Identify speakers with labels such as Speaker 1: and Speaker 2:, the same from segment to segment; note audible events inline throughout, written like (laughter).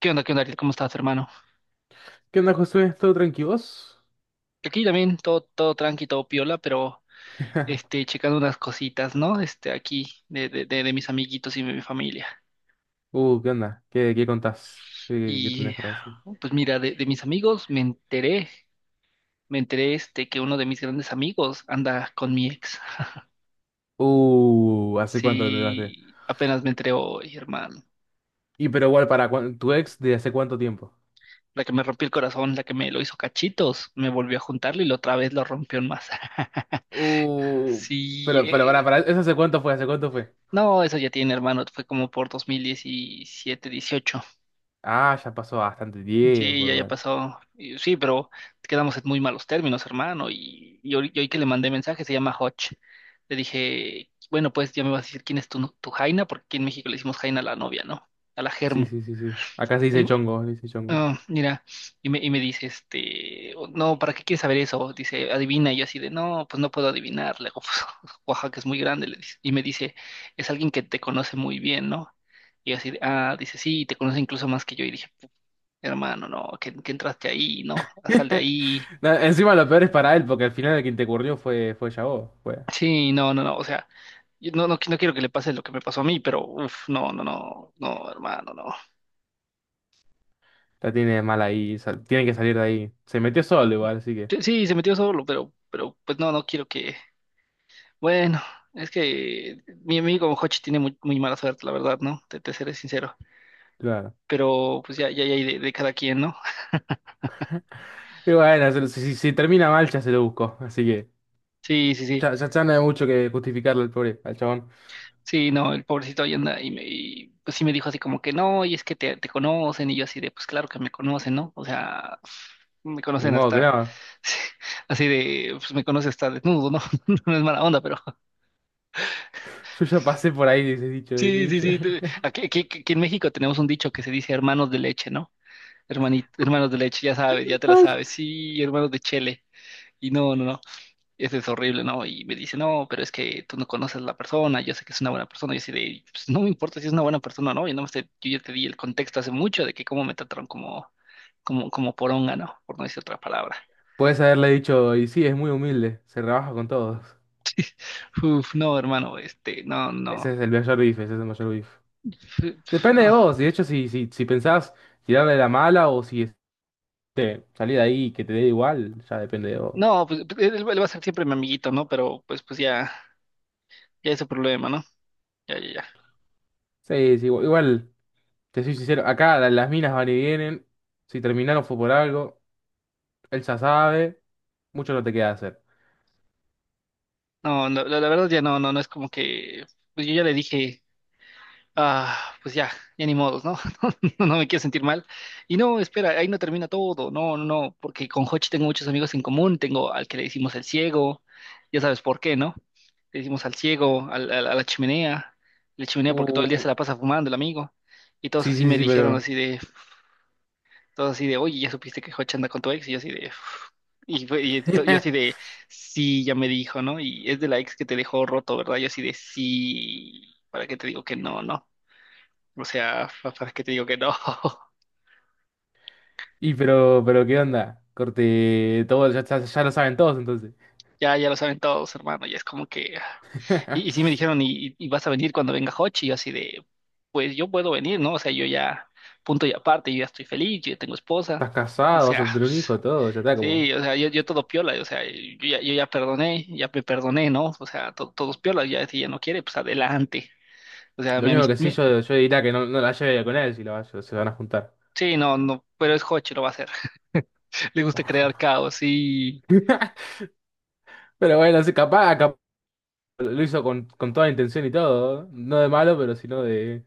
Speaker 1: Qué onda, Ariel? ¿Cómo estás, hermano?
Speaker 2: ¿Qué onda, Josué? ¿Todo tranquilos?
Speaker 1: Aquí también todo tranqui, todo piola, pero checando unas cositas, ¿no? Aquí de mis amiguitos y de mi familia.
Speaker 2: ¿Qué onda? ¿Qué contás? ¿Qué
Speaker 1: Y
Speaker 2: tenés para decir?
Speaker 1: pues mira, de mis amigos me enteré que uno de mis grandes amigos anda con mi ex.
Speaker 2: ¿Hace cuánto te traste?
Speaker 1: Sí, apenas me enteré hoy, hermano.
Speaker 2: Y pero igual, tu ex de hace cuánto tiempo.
Speaker 1: La que me rompió el corazón, la que me lo hizo cachitos, me volvió a juntarlo y la otra vez lo rompió en masa. (laughs)
Speaker 2: Uh,
Speaker 1: Sí,
Speaker 2: pero, pero para, para, ¿eso hace cuánto fue? ¿Hace cuánto fue?
Speaker 1: no, eso ya tiene, hermano, fue como por 2017, 18.
Speaker 2: Ah, ya pasó bastante
Speaker 1: Sí,
Speaker 2: tiempo,
Speaker 1: ya
Speaker 2: igual.
Speaker 1: pasó. Y sí, pero quedamos en muy malos términos, hermano. Y hoy que le mandé mensaje, se llama Hotch. Le dije, bueno, pues ya me vas a decir quién es tu Jaina, porque aquí en México le decimos Jaina a la novia, ¿no? A la
Speaker 2: Sí,
Speaker 1: Germu.
Speaker 2: sí, sí, sí. Acá se dice
Speaker 1: Y,
Speaker 2: chongo, se dice chongo.
Speaker 1: ah, mira, y me dice, "Oh, no, ¿para qué quieres saber eso?". Dice, adivina. Y yo así de, no, pues no puedo adivinar. Le digo, pues, (laughs) Oaxaca es muy grande, le dice. Y me dice, es alguien que te conoce muy bien, ¿no? Y yo así de, ah, dice, sí, te conoce incluso más que yo. Y dije, hermano, no, que entraste ahí, no, sal de ahí.
Speaker 2: (laughs) No, encima lo peor es para él, porque al final el que te fue, fue ya vos. Fue.
Speaker 1: Sí, no, no, no, o sea, yo no quiero que le pase lo que me pasó a mí, pero uff, no, no, no, no, hermano, no.
Speaker 2: La tiene mal ahí, tiene que salir de ahí. Se metió solo igual, así que.
Speaker 1: Sí, sí, se metió solo, pero pues no, no quiero que. Bueno, es que mi amigo Hochi tiene muy, muy mala suerte, la verdad, ¿no? Te seré sincero.
Speaker 2: Claro.
Speaker 1: Pero pues ya, ya, ya, hay de cada quien, ¿no?
Speaker 2: Y bueno, se lo- si, si termina mal, ya se lo busco. Así que
Speaker 1: Sí, sí, sí.
Speaker 2: ya, ya, ya no hay mucho que justificarle al pobre, al chabón.
Speaker 1: Sí, no, el pobrecito ahí anda y, me, y, pues sí me dijo así como que no, y es que te conocen, y yo así de, pues claro que me conocen, ¿no? O sea, me
Speaker 2: Ni
Speaker 1: conocen
Speaker 2: modo que
Speaker 1: hasta,
Speaker 2: no.
Speaker 1: (laughs) así de, pues me conoce hasta desnudo, ¿no? (laughs) No es mala onda, pero
Speaker 2: (laughs) Yo ya pasé por ahí, dice
Speaker 1: (laughs)
Speaker 2: dicho, dice
Speaker 1: sí, sí,
Speaker 2: dicho.
Speaker 1: sí. Aquí, aquí en México tenemos un dicho que se dice hermanos de leche, ¿no? Hermanos de leche, ya sabes,
Speaker 2: (laughs)
Speaker 1: ya te la
Speaker 2: Ay,
Speaker 1: sabes, sí, hermanos de chele, y no, no, no. Eso es horrible, ¿no? Y me dice, no, pero es que tú no conoces a la persona, yo sé que es una buena persona. Yo así de, pues no me importa si es una buena persona o no, yo no sé, yo ya te di el contexto hace mucho de que cómo me trataron como, como poronga, ¿no? Por no decir otra palabra.
Speaker 2: puedes haberle dicho, y sí, es muy humilde, se rebaja con todos.
Speaker 1: Uf, no, hermano, no,
Speaker 2: Ese
Speaker 1: no,
Speaker 2: es el mayor beef, ese es el mayor beef. Depende de
Speaker 1: no,
Speaker 2: vos, y de hecho, si pensás tirarle la mala o si salir de ahí y que te dé igual, ya depende de vos.
Speaker 1: no, pues pues, él va a ser siempre mi amiguito, ¿no? Pero pues, pues ya, ya es su problema, ¿no? Ya, ya, ya.
Speaker 2: Sí, sí, igual, igual, te soy sincero, acá las minas van y vienen, si terminaron fue por algo, él ya sabe. Mucho no te queda hacer.
Speaker 1: No, no, la verdad ya no, no, no es como que, pues yo ya le dije. Ah, pues ya, ya ni modos, ¿no? (laughs) No, no me quiero sentir mal. Y no, espera, ahí no termina todo, no, no, no, porque con Hochi tengo muchos amigos en común, tengo al que le decimos el ciego, ya sabes por qué, ¿no? Le decimos al ciego, a la chimenea porque todo el día
Speaker 2: Uh,
Speaker 1: se la pasa fumando el amigo, y todos
Speaker 2: sí,
Speaker 1: así
Speaker 2: sí,
Speaker 1: me
Speaker 2: sí,
Speaker 1: dijeron
Speaker 2: pero.
Speaker 1: así de, todos así de, oye, ya supiste que Hochi anda con tu ex, y yo así de, (laughs) "Uf". Yo así de,
Speaker 2: (laughs)
Speaker 1: sí, ya me dijo, ¿no? Y es de la ex que te dejó roto, ¿verdad? Yo así de, sí, ¿para qué te digo que no, no? O sea, ¿para qué te digo que no? (laughs)
Speaker 2: Y pero ¿qué onda? Corte, todo, ya, ya, ya lo saben todos entonces.
Speaker 1: Ya, ya lo saben todos, hermano. Ya es como que. Ah.
Speaker 2: (laughs)
Speaker 1: Y sí me
Speaker 2: Estás
Speaker 1: dijeron, ¿y, y vas a venir cuando venga Hochi? Y yo así de, pues yo puedo venir, ¿no? O sea, yo ya, punto y aparte, yo ya estoy feliz, yo ya tengo esposa. O
Speaker 2: casado, vas
Speaker 1: sea,
Speaker 2: a
Speaker 1: (laughs)
Speaker 2: tener un
Speaker 1: pues,
Speaker 2: hijo, todo, ya está como.
Speaker 1: sí, o sea, yo todo piola, o sea, yo ya, yo ya perdoné, ya me perdoné, ¿no? O sea, todos piola, ya si ya no quiere, pues adelante. O sea,
Speaker 2: Lo
Speaker 1: mi,
Speaker 2: único que sí yo diría que no, no la lleve con él si se van a juntar.
Speaker 1: sí, no, no, pero es Hochi, lo va a hacer. (laughs) Le gusta crear caos, sí.
Speaker 2: (laughs) Pero bueno, sí, capaz, capaz lo hizo con toda la intención y todo. No de malo, pero sino de,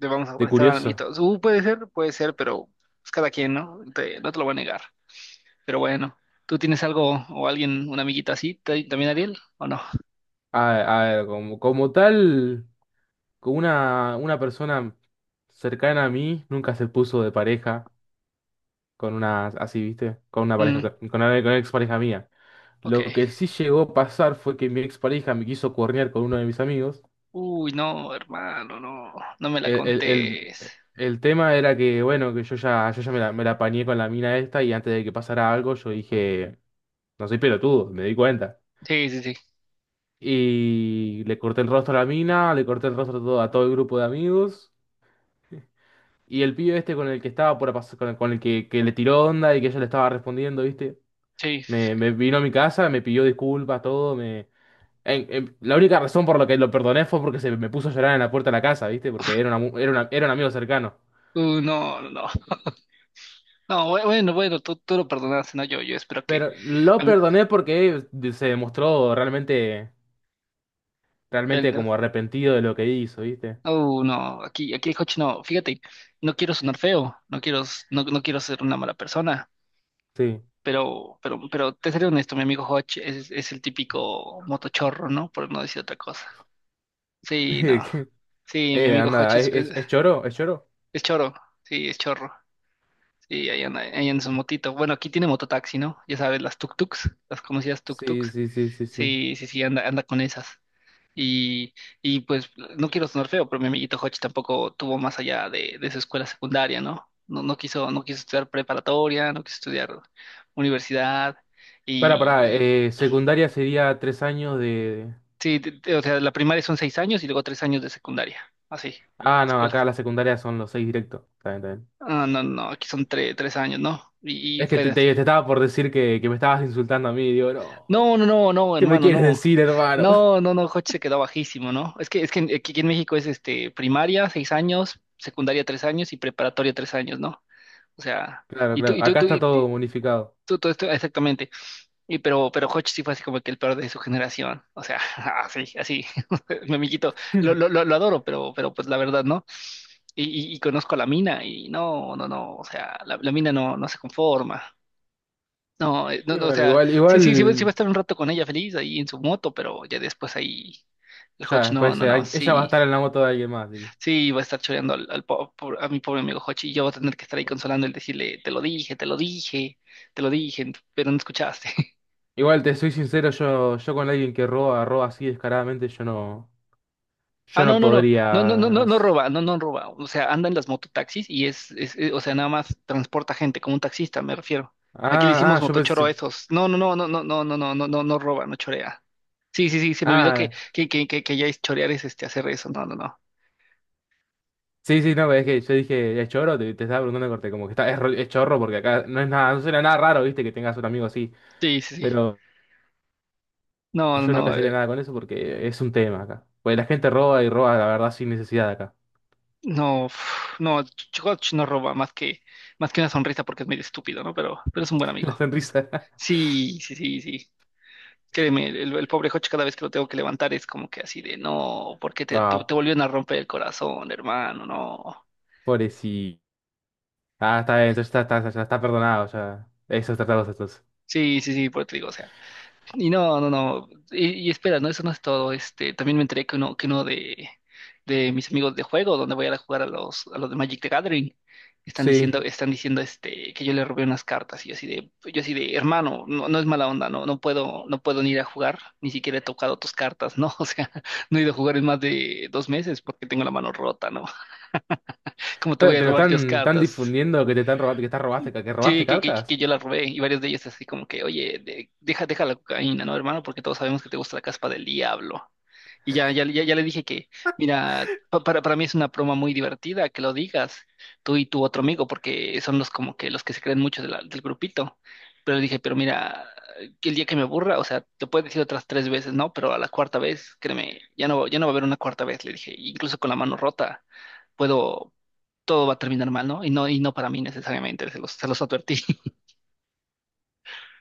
Speaker 1: Te vamos a
Speaker 2: de
Speaker 1: prestar
Speaker 2: curioso.
Speaker 1: amiguitos. Puede ser, pero es cada quien, ¿no? No te lo voy a negar. Pero bueno, ¿tú tienes algo o alguien, una amiguita así, también Ariel, o no?
Speaker 2: A ver, como tal, con una persona cercana a mí nunca se puso de pareja. Con una, así, ¿viste? Con una pareja,
Speaker 1: Mm,
Speaker 2: con una expareja mía.
Speaker 1: ok.
Speaker 2: Lo que sí llegó a pasar fue que mi expareja me quiso cuernear con uno de mis amigos.
Speaker 1: Uy, no, hermano, no, no me la
Speaker 2: El, el,
Speaker 1: contés.
Speaker 2: el, el tema era que, bueno, que yo ya me la apañé con la mina esta y antes de que pasara algo yo dije, no soy pelotudo, me di cuenta.
Speaker 1: Sí, sí, sí,
Speaker 2: Y le corté el rostro a la mina, le corté el rostro a todo, el grupo de amigos. Y el pibe este con el que estaba por pasar, con el que le tiró onda y que ella le estaba respondiendo, ¿viste?
Speaker 1: sí. Sí,
Speaker 2: Me,
Speaker 1: sí.
Speaker 2: me vino a mi casa, me pidió disculpas, todo, la única razón por la que lo perdoné fue porque se me puso a llorar en la puerta de la casa, ¿viste? Porque era, una mu- era, una- era un amigo cercano.
Speaker 1: No, no, no. No, bueno, bueno, tú lo perdonaste, ¿no? Yo espero que...
Speaker 2: Pero lo
Speaker 1: a mí-
Speaker 2: perdoné porque se demostró realmente,
Speaker 1: él,
Speaker 2: realmente
Speaker 1: ¿no?
Speaker 2: como arrepentido de lo que hizo, ¿viste?
Speaker 1: No, aquí, aquí el coche no. Fíjate, no quiero sonar feo, no quiero, no, no quiero ser una mala persona.
Speaker 2: Sí.
Speaker 1: Pero te seré honesto, mi amigo Hodge es el típico motochorro, ¿no? Por no decir otra cosa. Sí, no.
Speaker 2: (laughs)
Speaker 1: Sí, mi amigo Hodge
Speaker 2: Anda, ¿es choro? ¿Es choro?
Speaker 1: es chorro. Sí, es chorro. Sí, ahí anda en su motito. Bueno, aquí tiene mototaxi, ¿no? Ya sabes, las tuk-tuks, las conocidas
Speaker 2: Sí,
Speaker 1: tuk-tuks.
Speaker 2: sí, sí, sí, sí.
Speaker 1: Sí, sí, sí, anda, anda con esas. Y, y pues no quiero sonar feo, pero mi amiguito Hodge tampoco tuvo más allá de su escuela secundaria, ¿no? No, no quiso, no quiso estudiar preparatoria, no quiso estudiar universidad.
Speaker 2: Para
Speaker 1: Y,
Speaker 2: secundaria sería 3 años de...
Speaker 1: sí, o sea, la primaria son seis años y luego tres años de secundaria. Así,
Speaker 2: Ah, no,
Speaker 1: escuela.
Speaker 2: acá la secundaria son los 6 directos. Está bien, está bien.
Speaker 1: Ah, no, no, aquí son tres años, ¿no? Y
Speaker 2: Es que
Speaker 1: fue
Speaker 2: te,
Speaker 1: de así.
Speaker 2: te- te estaba por decir que, me estabas insultando a mí, digo, no,
Speaker 1: No, no, no, no,
Speaker 2: ¿qué me
Speaker 1: hermano,
Speaker 2: quieres
Speaker 1: no.
Speaker 2: decir, hermano?
Speaker 1: No, no, no, Jochi se quedó bajísimo, ¿no? Es que aquí en México es este primaria, seis años, secundaria tres años y preparatoria tres años, ¿no? O sea,
Speaker 2: Claro,
Speaker 1: y
Speaker 2: claro.
Speaker 1: tú,
Speaker 2: Acá
Speaker 1: tú,
Speaker 2: está todo
Speaker 1: y
Speaker 2: unificado.
Speaker 1: tú, todo esto, exactamente. Y pero Hodge sí fue así como que el peor de su generación. O sea, (laughs) así, así. (laughs) Mi amiguito,
Speaker 2: (laughs)
Speaker 1: lo adoro, pero pues la verdad, ¿no? Y, y conozco a la mina y no, no, no. O sea, la mina no, no se conforma. No, no,
Speaker 2: Y
Speaker 1: no, o
Speaker 2: bueno,
Speaker 1: sea,
Speaker 2: igual,
Speaker 1: sí, sí, sí va
Speaker 2: igual,
Speaker 1: a estar un rato con ella feliz ahí en su moto, pero ya después ahí el
Speaker 2: ya
Speaker 1: Hodge, no,
Speaker 2: después
Speaker 1: no, no,
Speaker 2: ella va a
Speaker 1: sí,
Speaker 2: estar en la moto de alguien más.
Speaker 1: sí, va a estar choreando a mi pobre amigo Hodge y yo voy a tener que estar ahí consolando y decirle, te lo dije, te lo dije, te lo dije, pero no escuchaste.
Speaker 2: Igual te soy sincero, yo con alguien que roba, roba así descaradamente, yo no,
Speaker 1: Ah,
Speaker 2: yo
Speaker 1: no,
Speaker 2: no
Speaker 1: no, no, no, no, no,
Speaker 2: podría.
Speaker 1: no,
Speaker 2: Ah,
Speaker 1: no roba, no, no roba. O sea, anda en las mototaxis y es, o sea, nada más transporta gente como un taxista, me refiero. Aquí le hicimos
Speaker 2: ah, yo
Speaker 1: motochoro a
Speaker 2: pensé.
Speaker 1: esos. No, no, no, no, no, no, no, no, no, no, no roba, no chorea. Sí, sí, sí, se me olvidó
Speaker 2: Ah,
Speaker 1: que ya es chorear es este hacer eso. No, no, no.
Speaker 2: sí, sí, no, es que yo dije, es chorro, te estaba preguntando corte, como que está, es chorro porque acá no es nada, no suena nada raro, viste, que tengas un amigo así.
Speaker 1: Sí, sí, sí.
Speaker 2: Pero
Speaker 1: No, no,
Speaker 2: yo no
Speaker 1: no,
Speaker 2: casaría nada con eso porque es un tema acá. Pues la gente roba y roba, la verdad, sin necesidad acá.
Speaker 1: no, uf, no, Chikoch no roba más que una sonrisa porque es medio estúpido, ¿no? Pero es un buen
Speaker 2: (laughs)
Speaker 1: amigo.
Speaker 2: La sonrisa. (laughs)
Speaker 1: Sí, sí, sí, sí. Créeme, el pobre Joch cada vez que lo tengo que levantar es como que así de, no, ¿porque
Speaker 2: Ah,
Speaker 1: te volvieron a romper el corazón, hermano? No.
Speaker 2: pobrecito. Ah, está bien, entonces ya está perdonado, ya. Esos tratados estos.
Speaker 1: Sí, sí, sí, por eso te digo, o sea. Y no, no, no. Y espera, no, eso no es todo. También me enteré que uno, de mis amigos de juego, donde voy a ir a jugar a los de Magic the Gathering,
Speaker 2: Sí.
Speaker 1: están diciendo que yo le robé unas cartas. Y yo así de, hermano, no, no es mala onda, no, no puedo, no puedo ni ir a jugar, ni siquiera he tocado tus cartas, ¿no? (laughs) O sea, no he ido a jugar en más de dos meses porque tengo la mano rota, ¿no? (laughs) ¿Cómo te voy a
Speaker 2: Pero
Speaker 1: robar yo las
Speaker 2: están
Speaker 1: cartas?
Speaker 2: difundiendo que te están robando, que
Speaker 1: Sí,
Speaker 2: robaste
Speaker 1: que
Speaker 2: cartas.
Speaker 1: yo la robé y varios de ellos así como que, oye, deja, deja la cocaína, ¿no, hermano? Porque todos sabemos que te gusta la caspa del diablo. Y ya le dije que, mira, para mí es una broma muy divertida que lo digas, tú y tu otro amigo, porque son los como que los que se creen mucho de del grupito. Pero le dije, pero mira, que el día que me aburra, o sea, te puedes decir otras tres veces, ¿no? Pero a la cuarta vez, créeme, ya no, ya no va a haber una cuarta vez, le dije, incluso con la mano rota, puedo, todo va a terminar mal, ¿no? Y no, y no para mí necesariamente, se los advertí.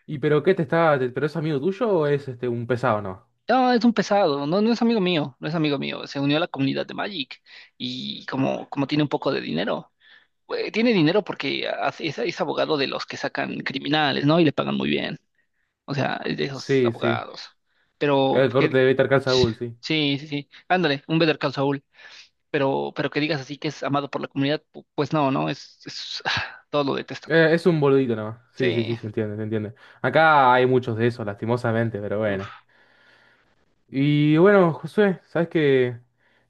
Speaker 2: ¿Y pero qué te está, te- pero es amigo tuyo o es este un pesado, no?
Speaker 1: No, es un pesado, no, no es amigo mío, no es amigo mío, se unió a la comunidad de Magic y como, como tiene un poco de dinero, tiene dinero porque es abogado de los que sacan criminales, ¿no? Y le pagan muy bien, o sea, es de esos
Speaker 2: Sí, sí.
Speaker 1: abogados. Pero,
Speaker 2: El corte
Speaker 1: que,
Speaker 2: de Better Call Saul, sí.
Speaker 1: sí, sí, sí, ándale, un Better Call Saul, pero que digas así que es amado por la comunidad, pues no, no, es (laughs) (sighs) todo lo detestan.
Speaker 2: Es un boludito nomás. Sí, sí, sí,
Speaker 1: Sí,
Speaker 2: se entiende, se entiende. Acá hay muchos de esos, lastimosamente, pero bueno.
Speaker 1: uf,
Speaker 2: Y bueno, Josué, sabes que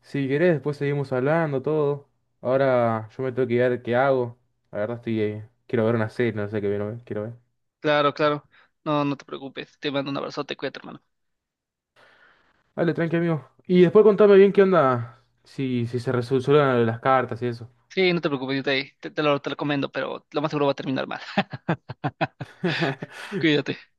Speaker 2: si querés después seguimos hablando todo. Ahora yo me tengo que ver qué hago. La verdad estoy, quiero ver una serie, no sé qué quiero ver, quiero ver.
Speaker 1: claro, claro, no, no te preocupes, te mando un abrazote, cuídate, hermano.
Speaker 2: Dale, tranqui, amigo. Y después contame bien qué onda, si se resuelven las cartas y eso.
Speaker 1: Sí, no te preocupes, yo te lo recomiendo, pero lo más seguro va a terminar mal. (laughs)
Speaker 2: (laughs)
Speaker 1: Cuídate.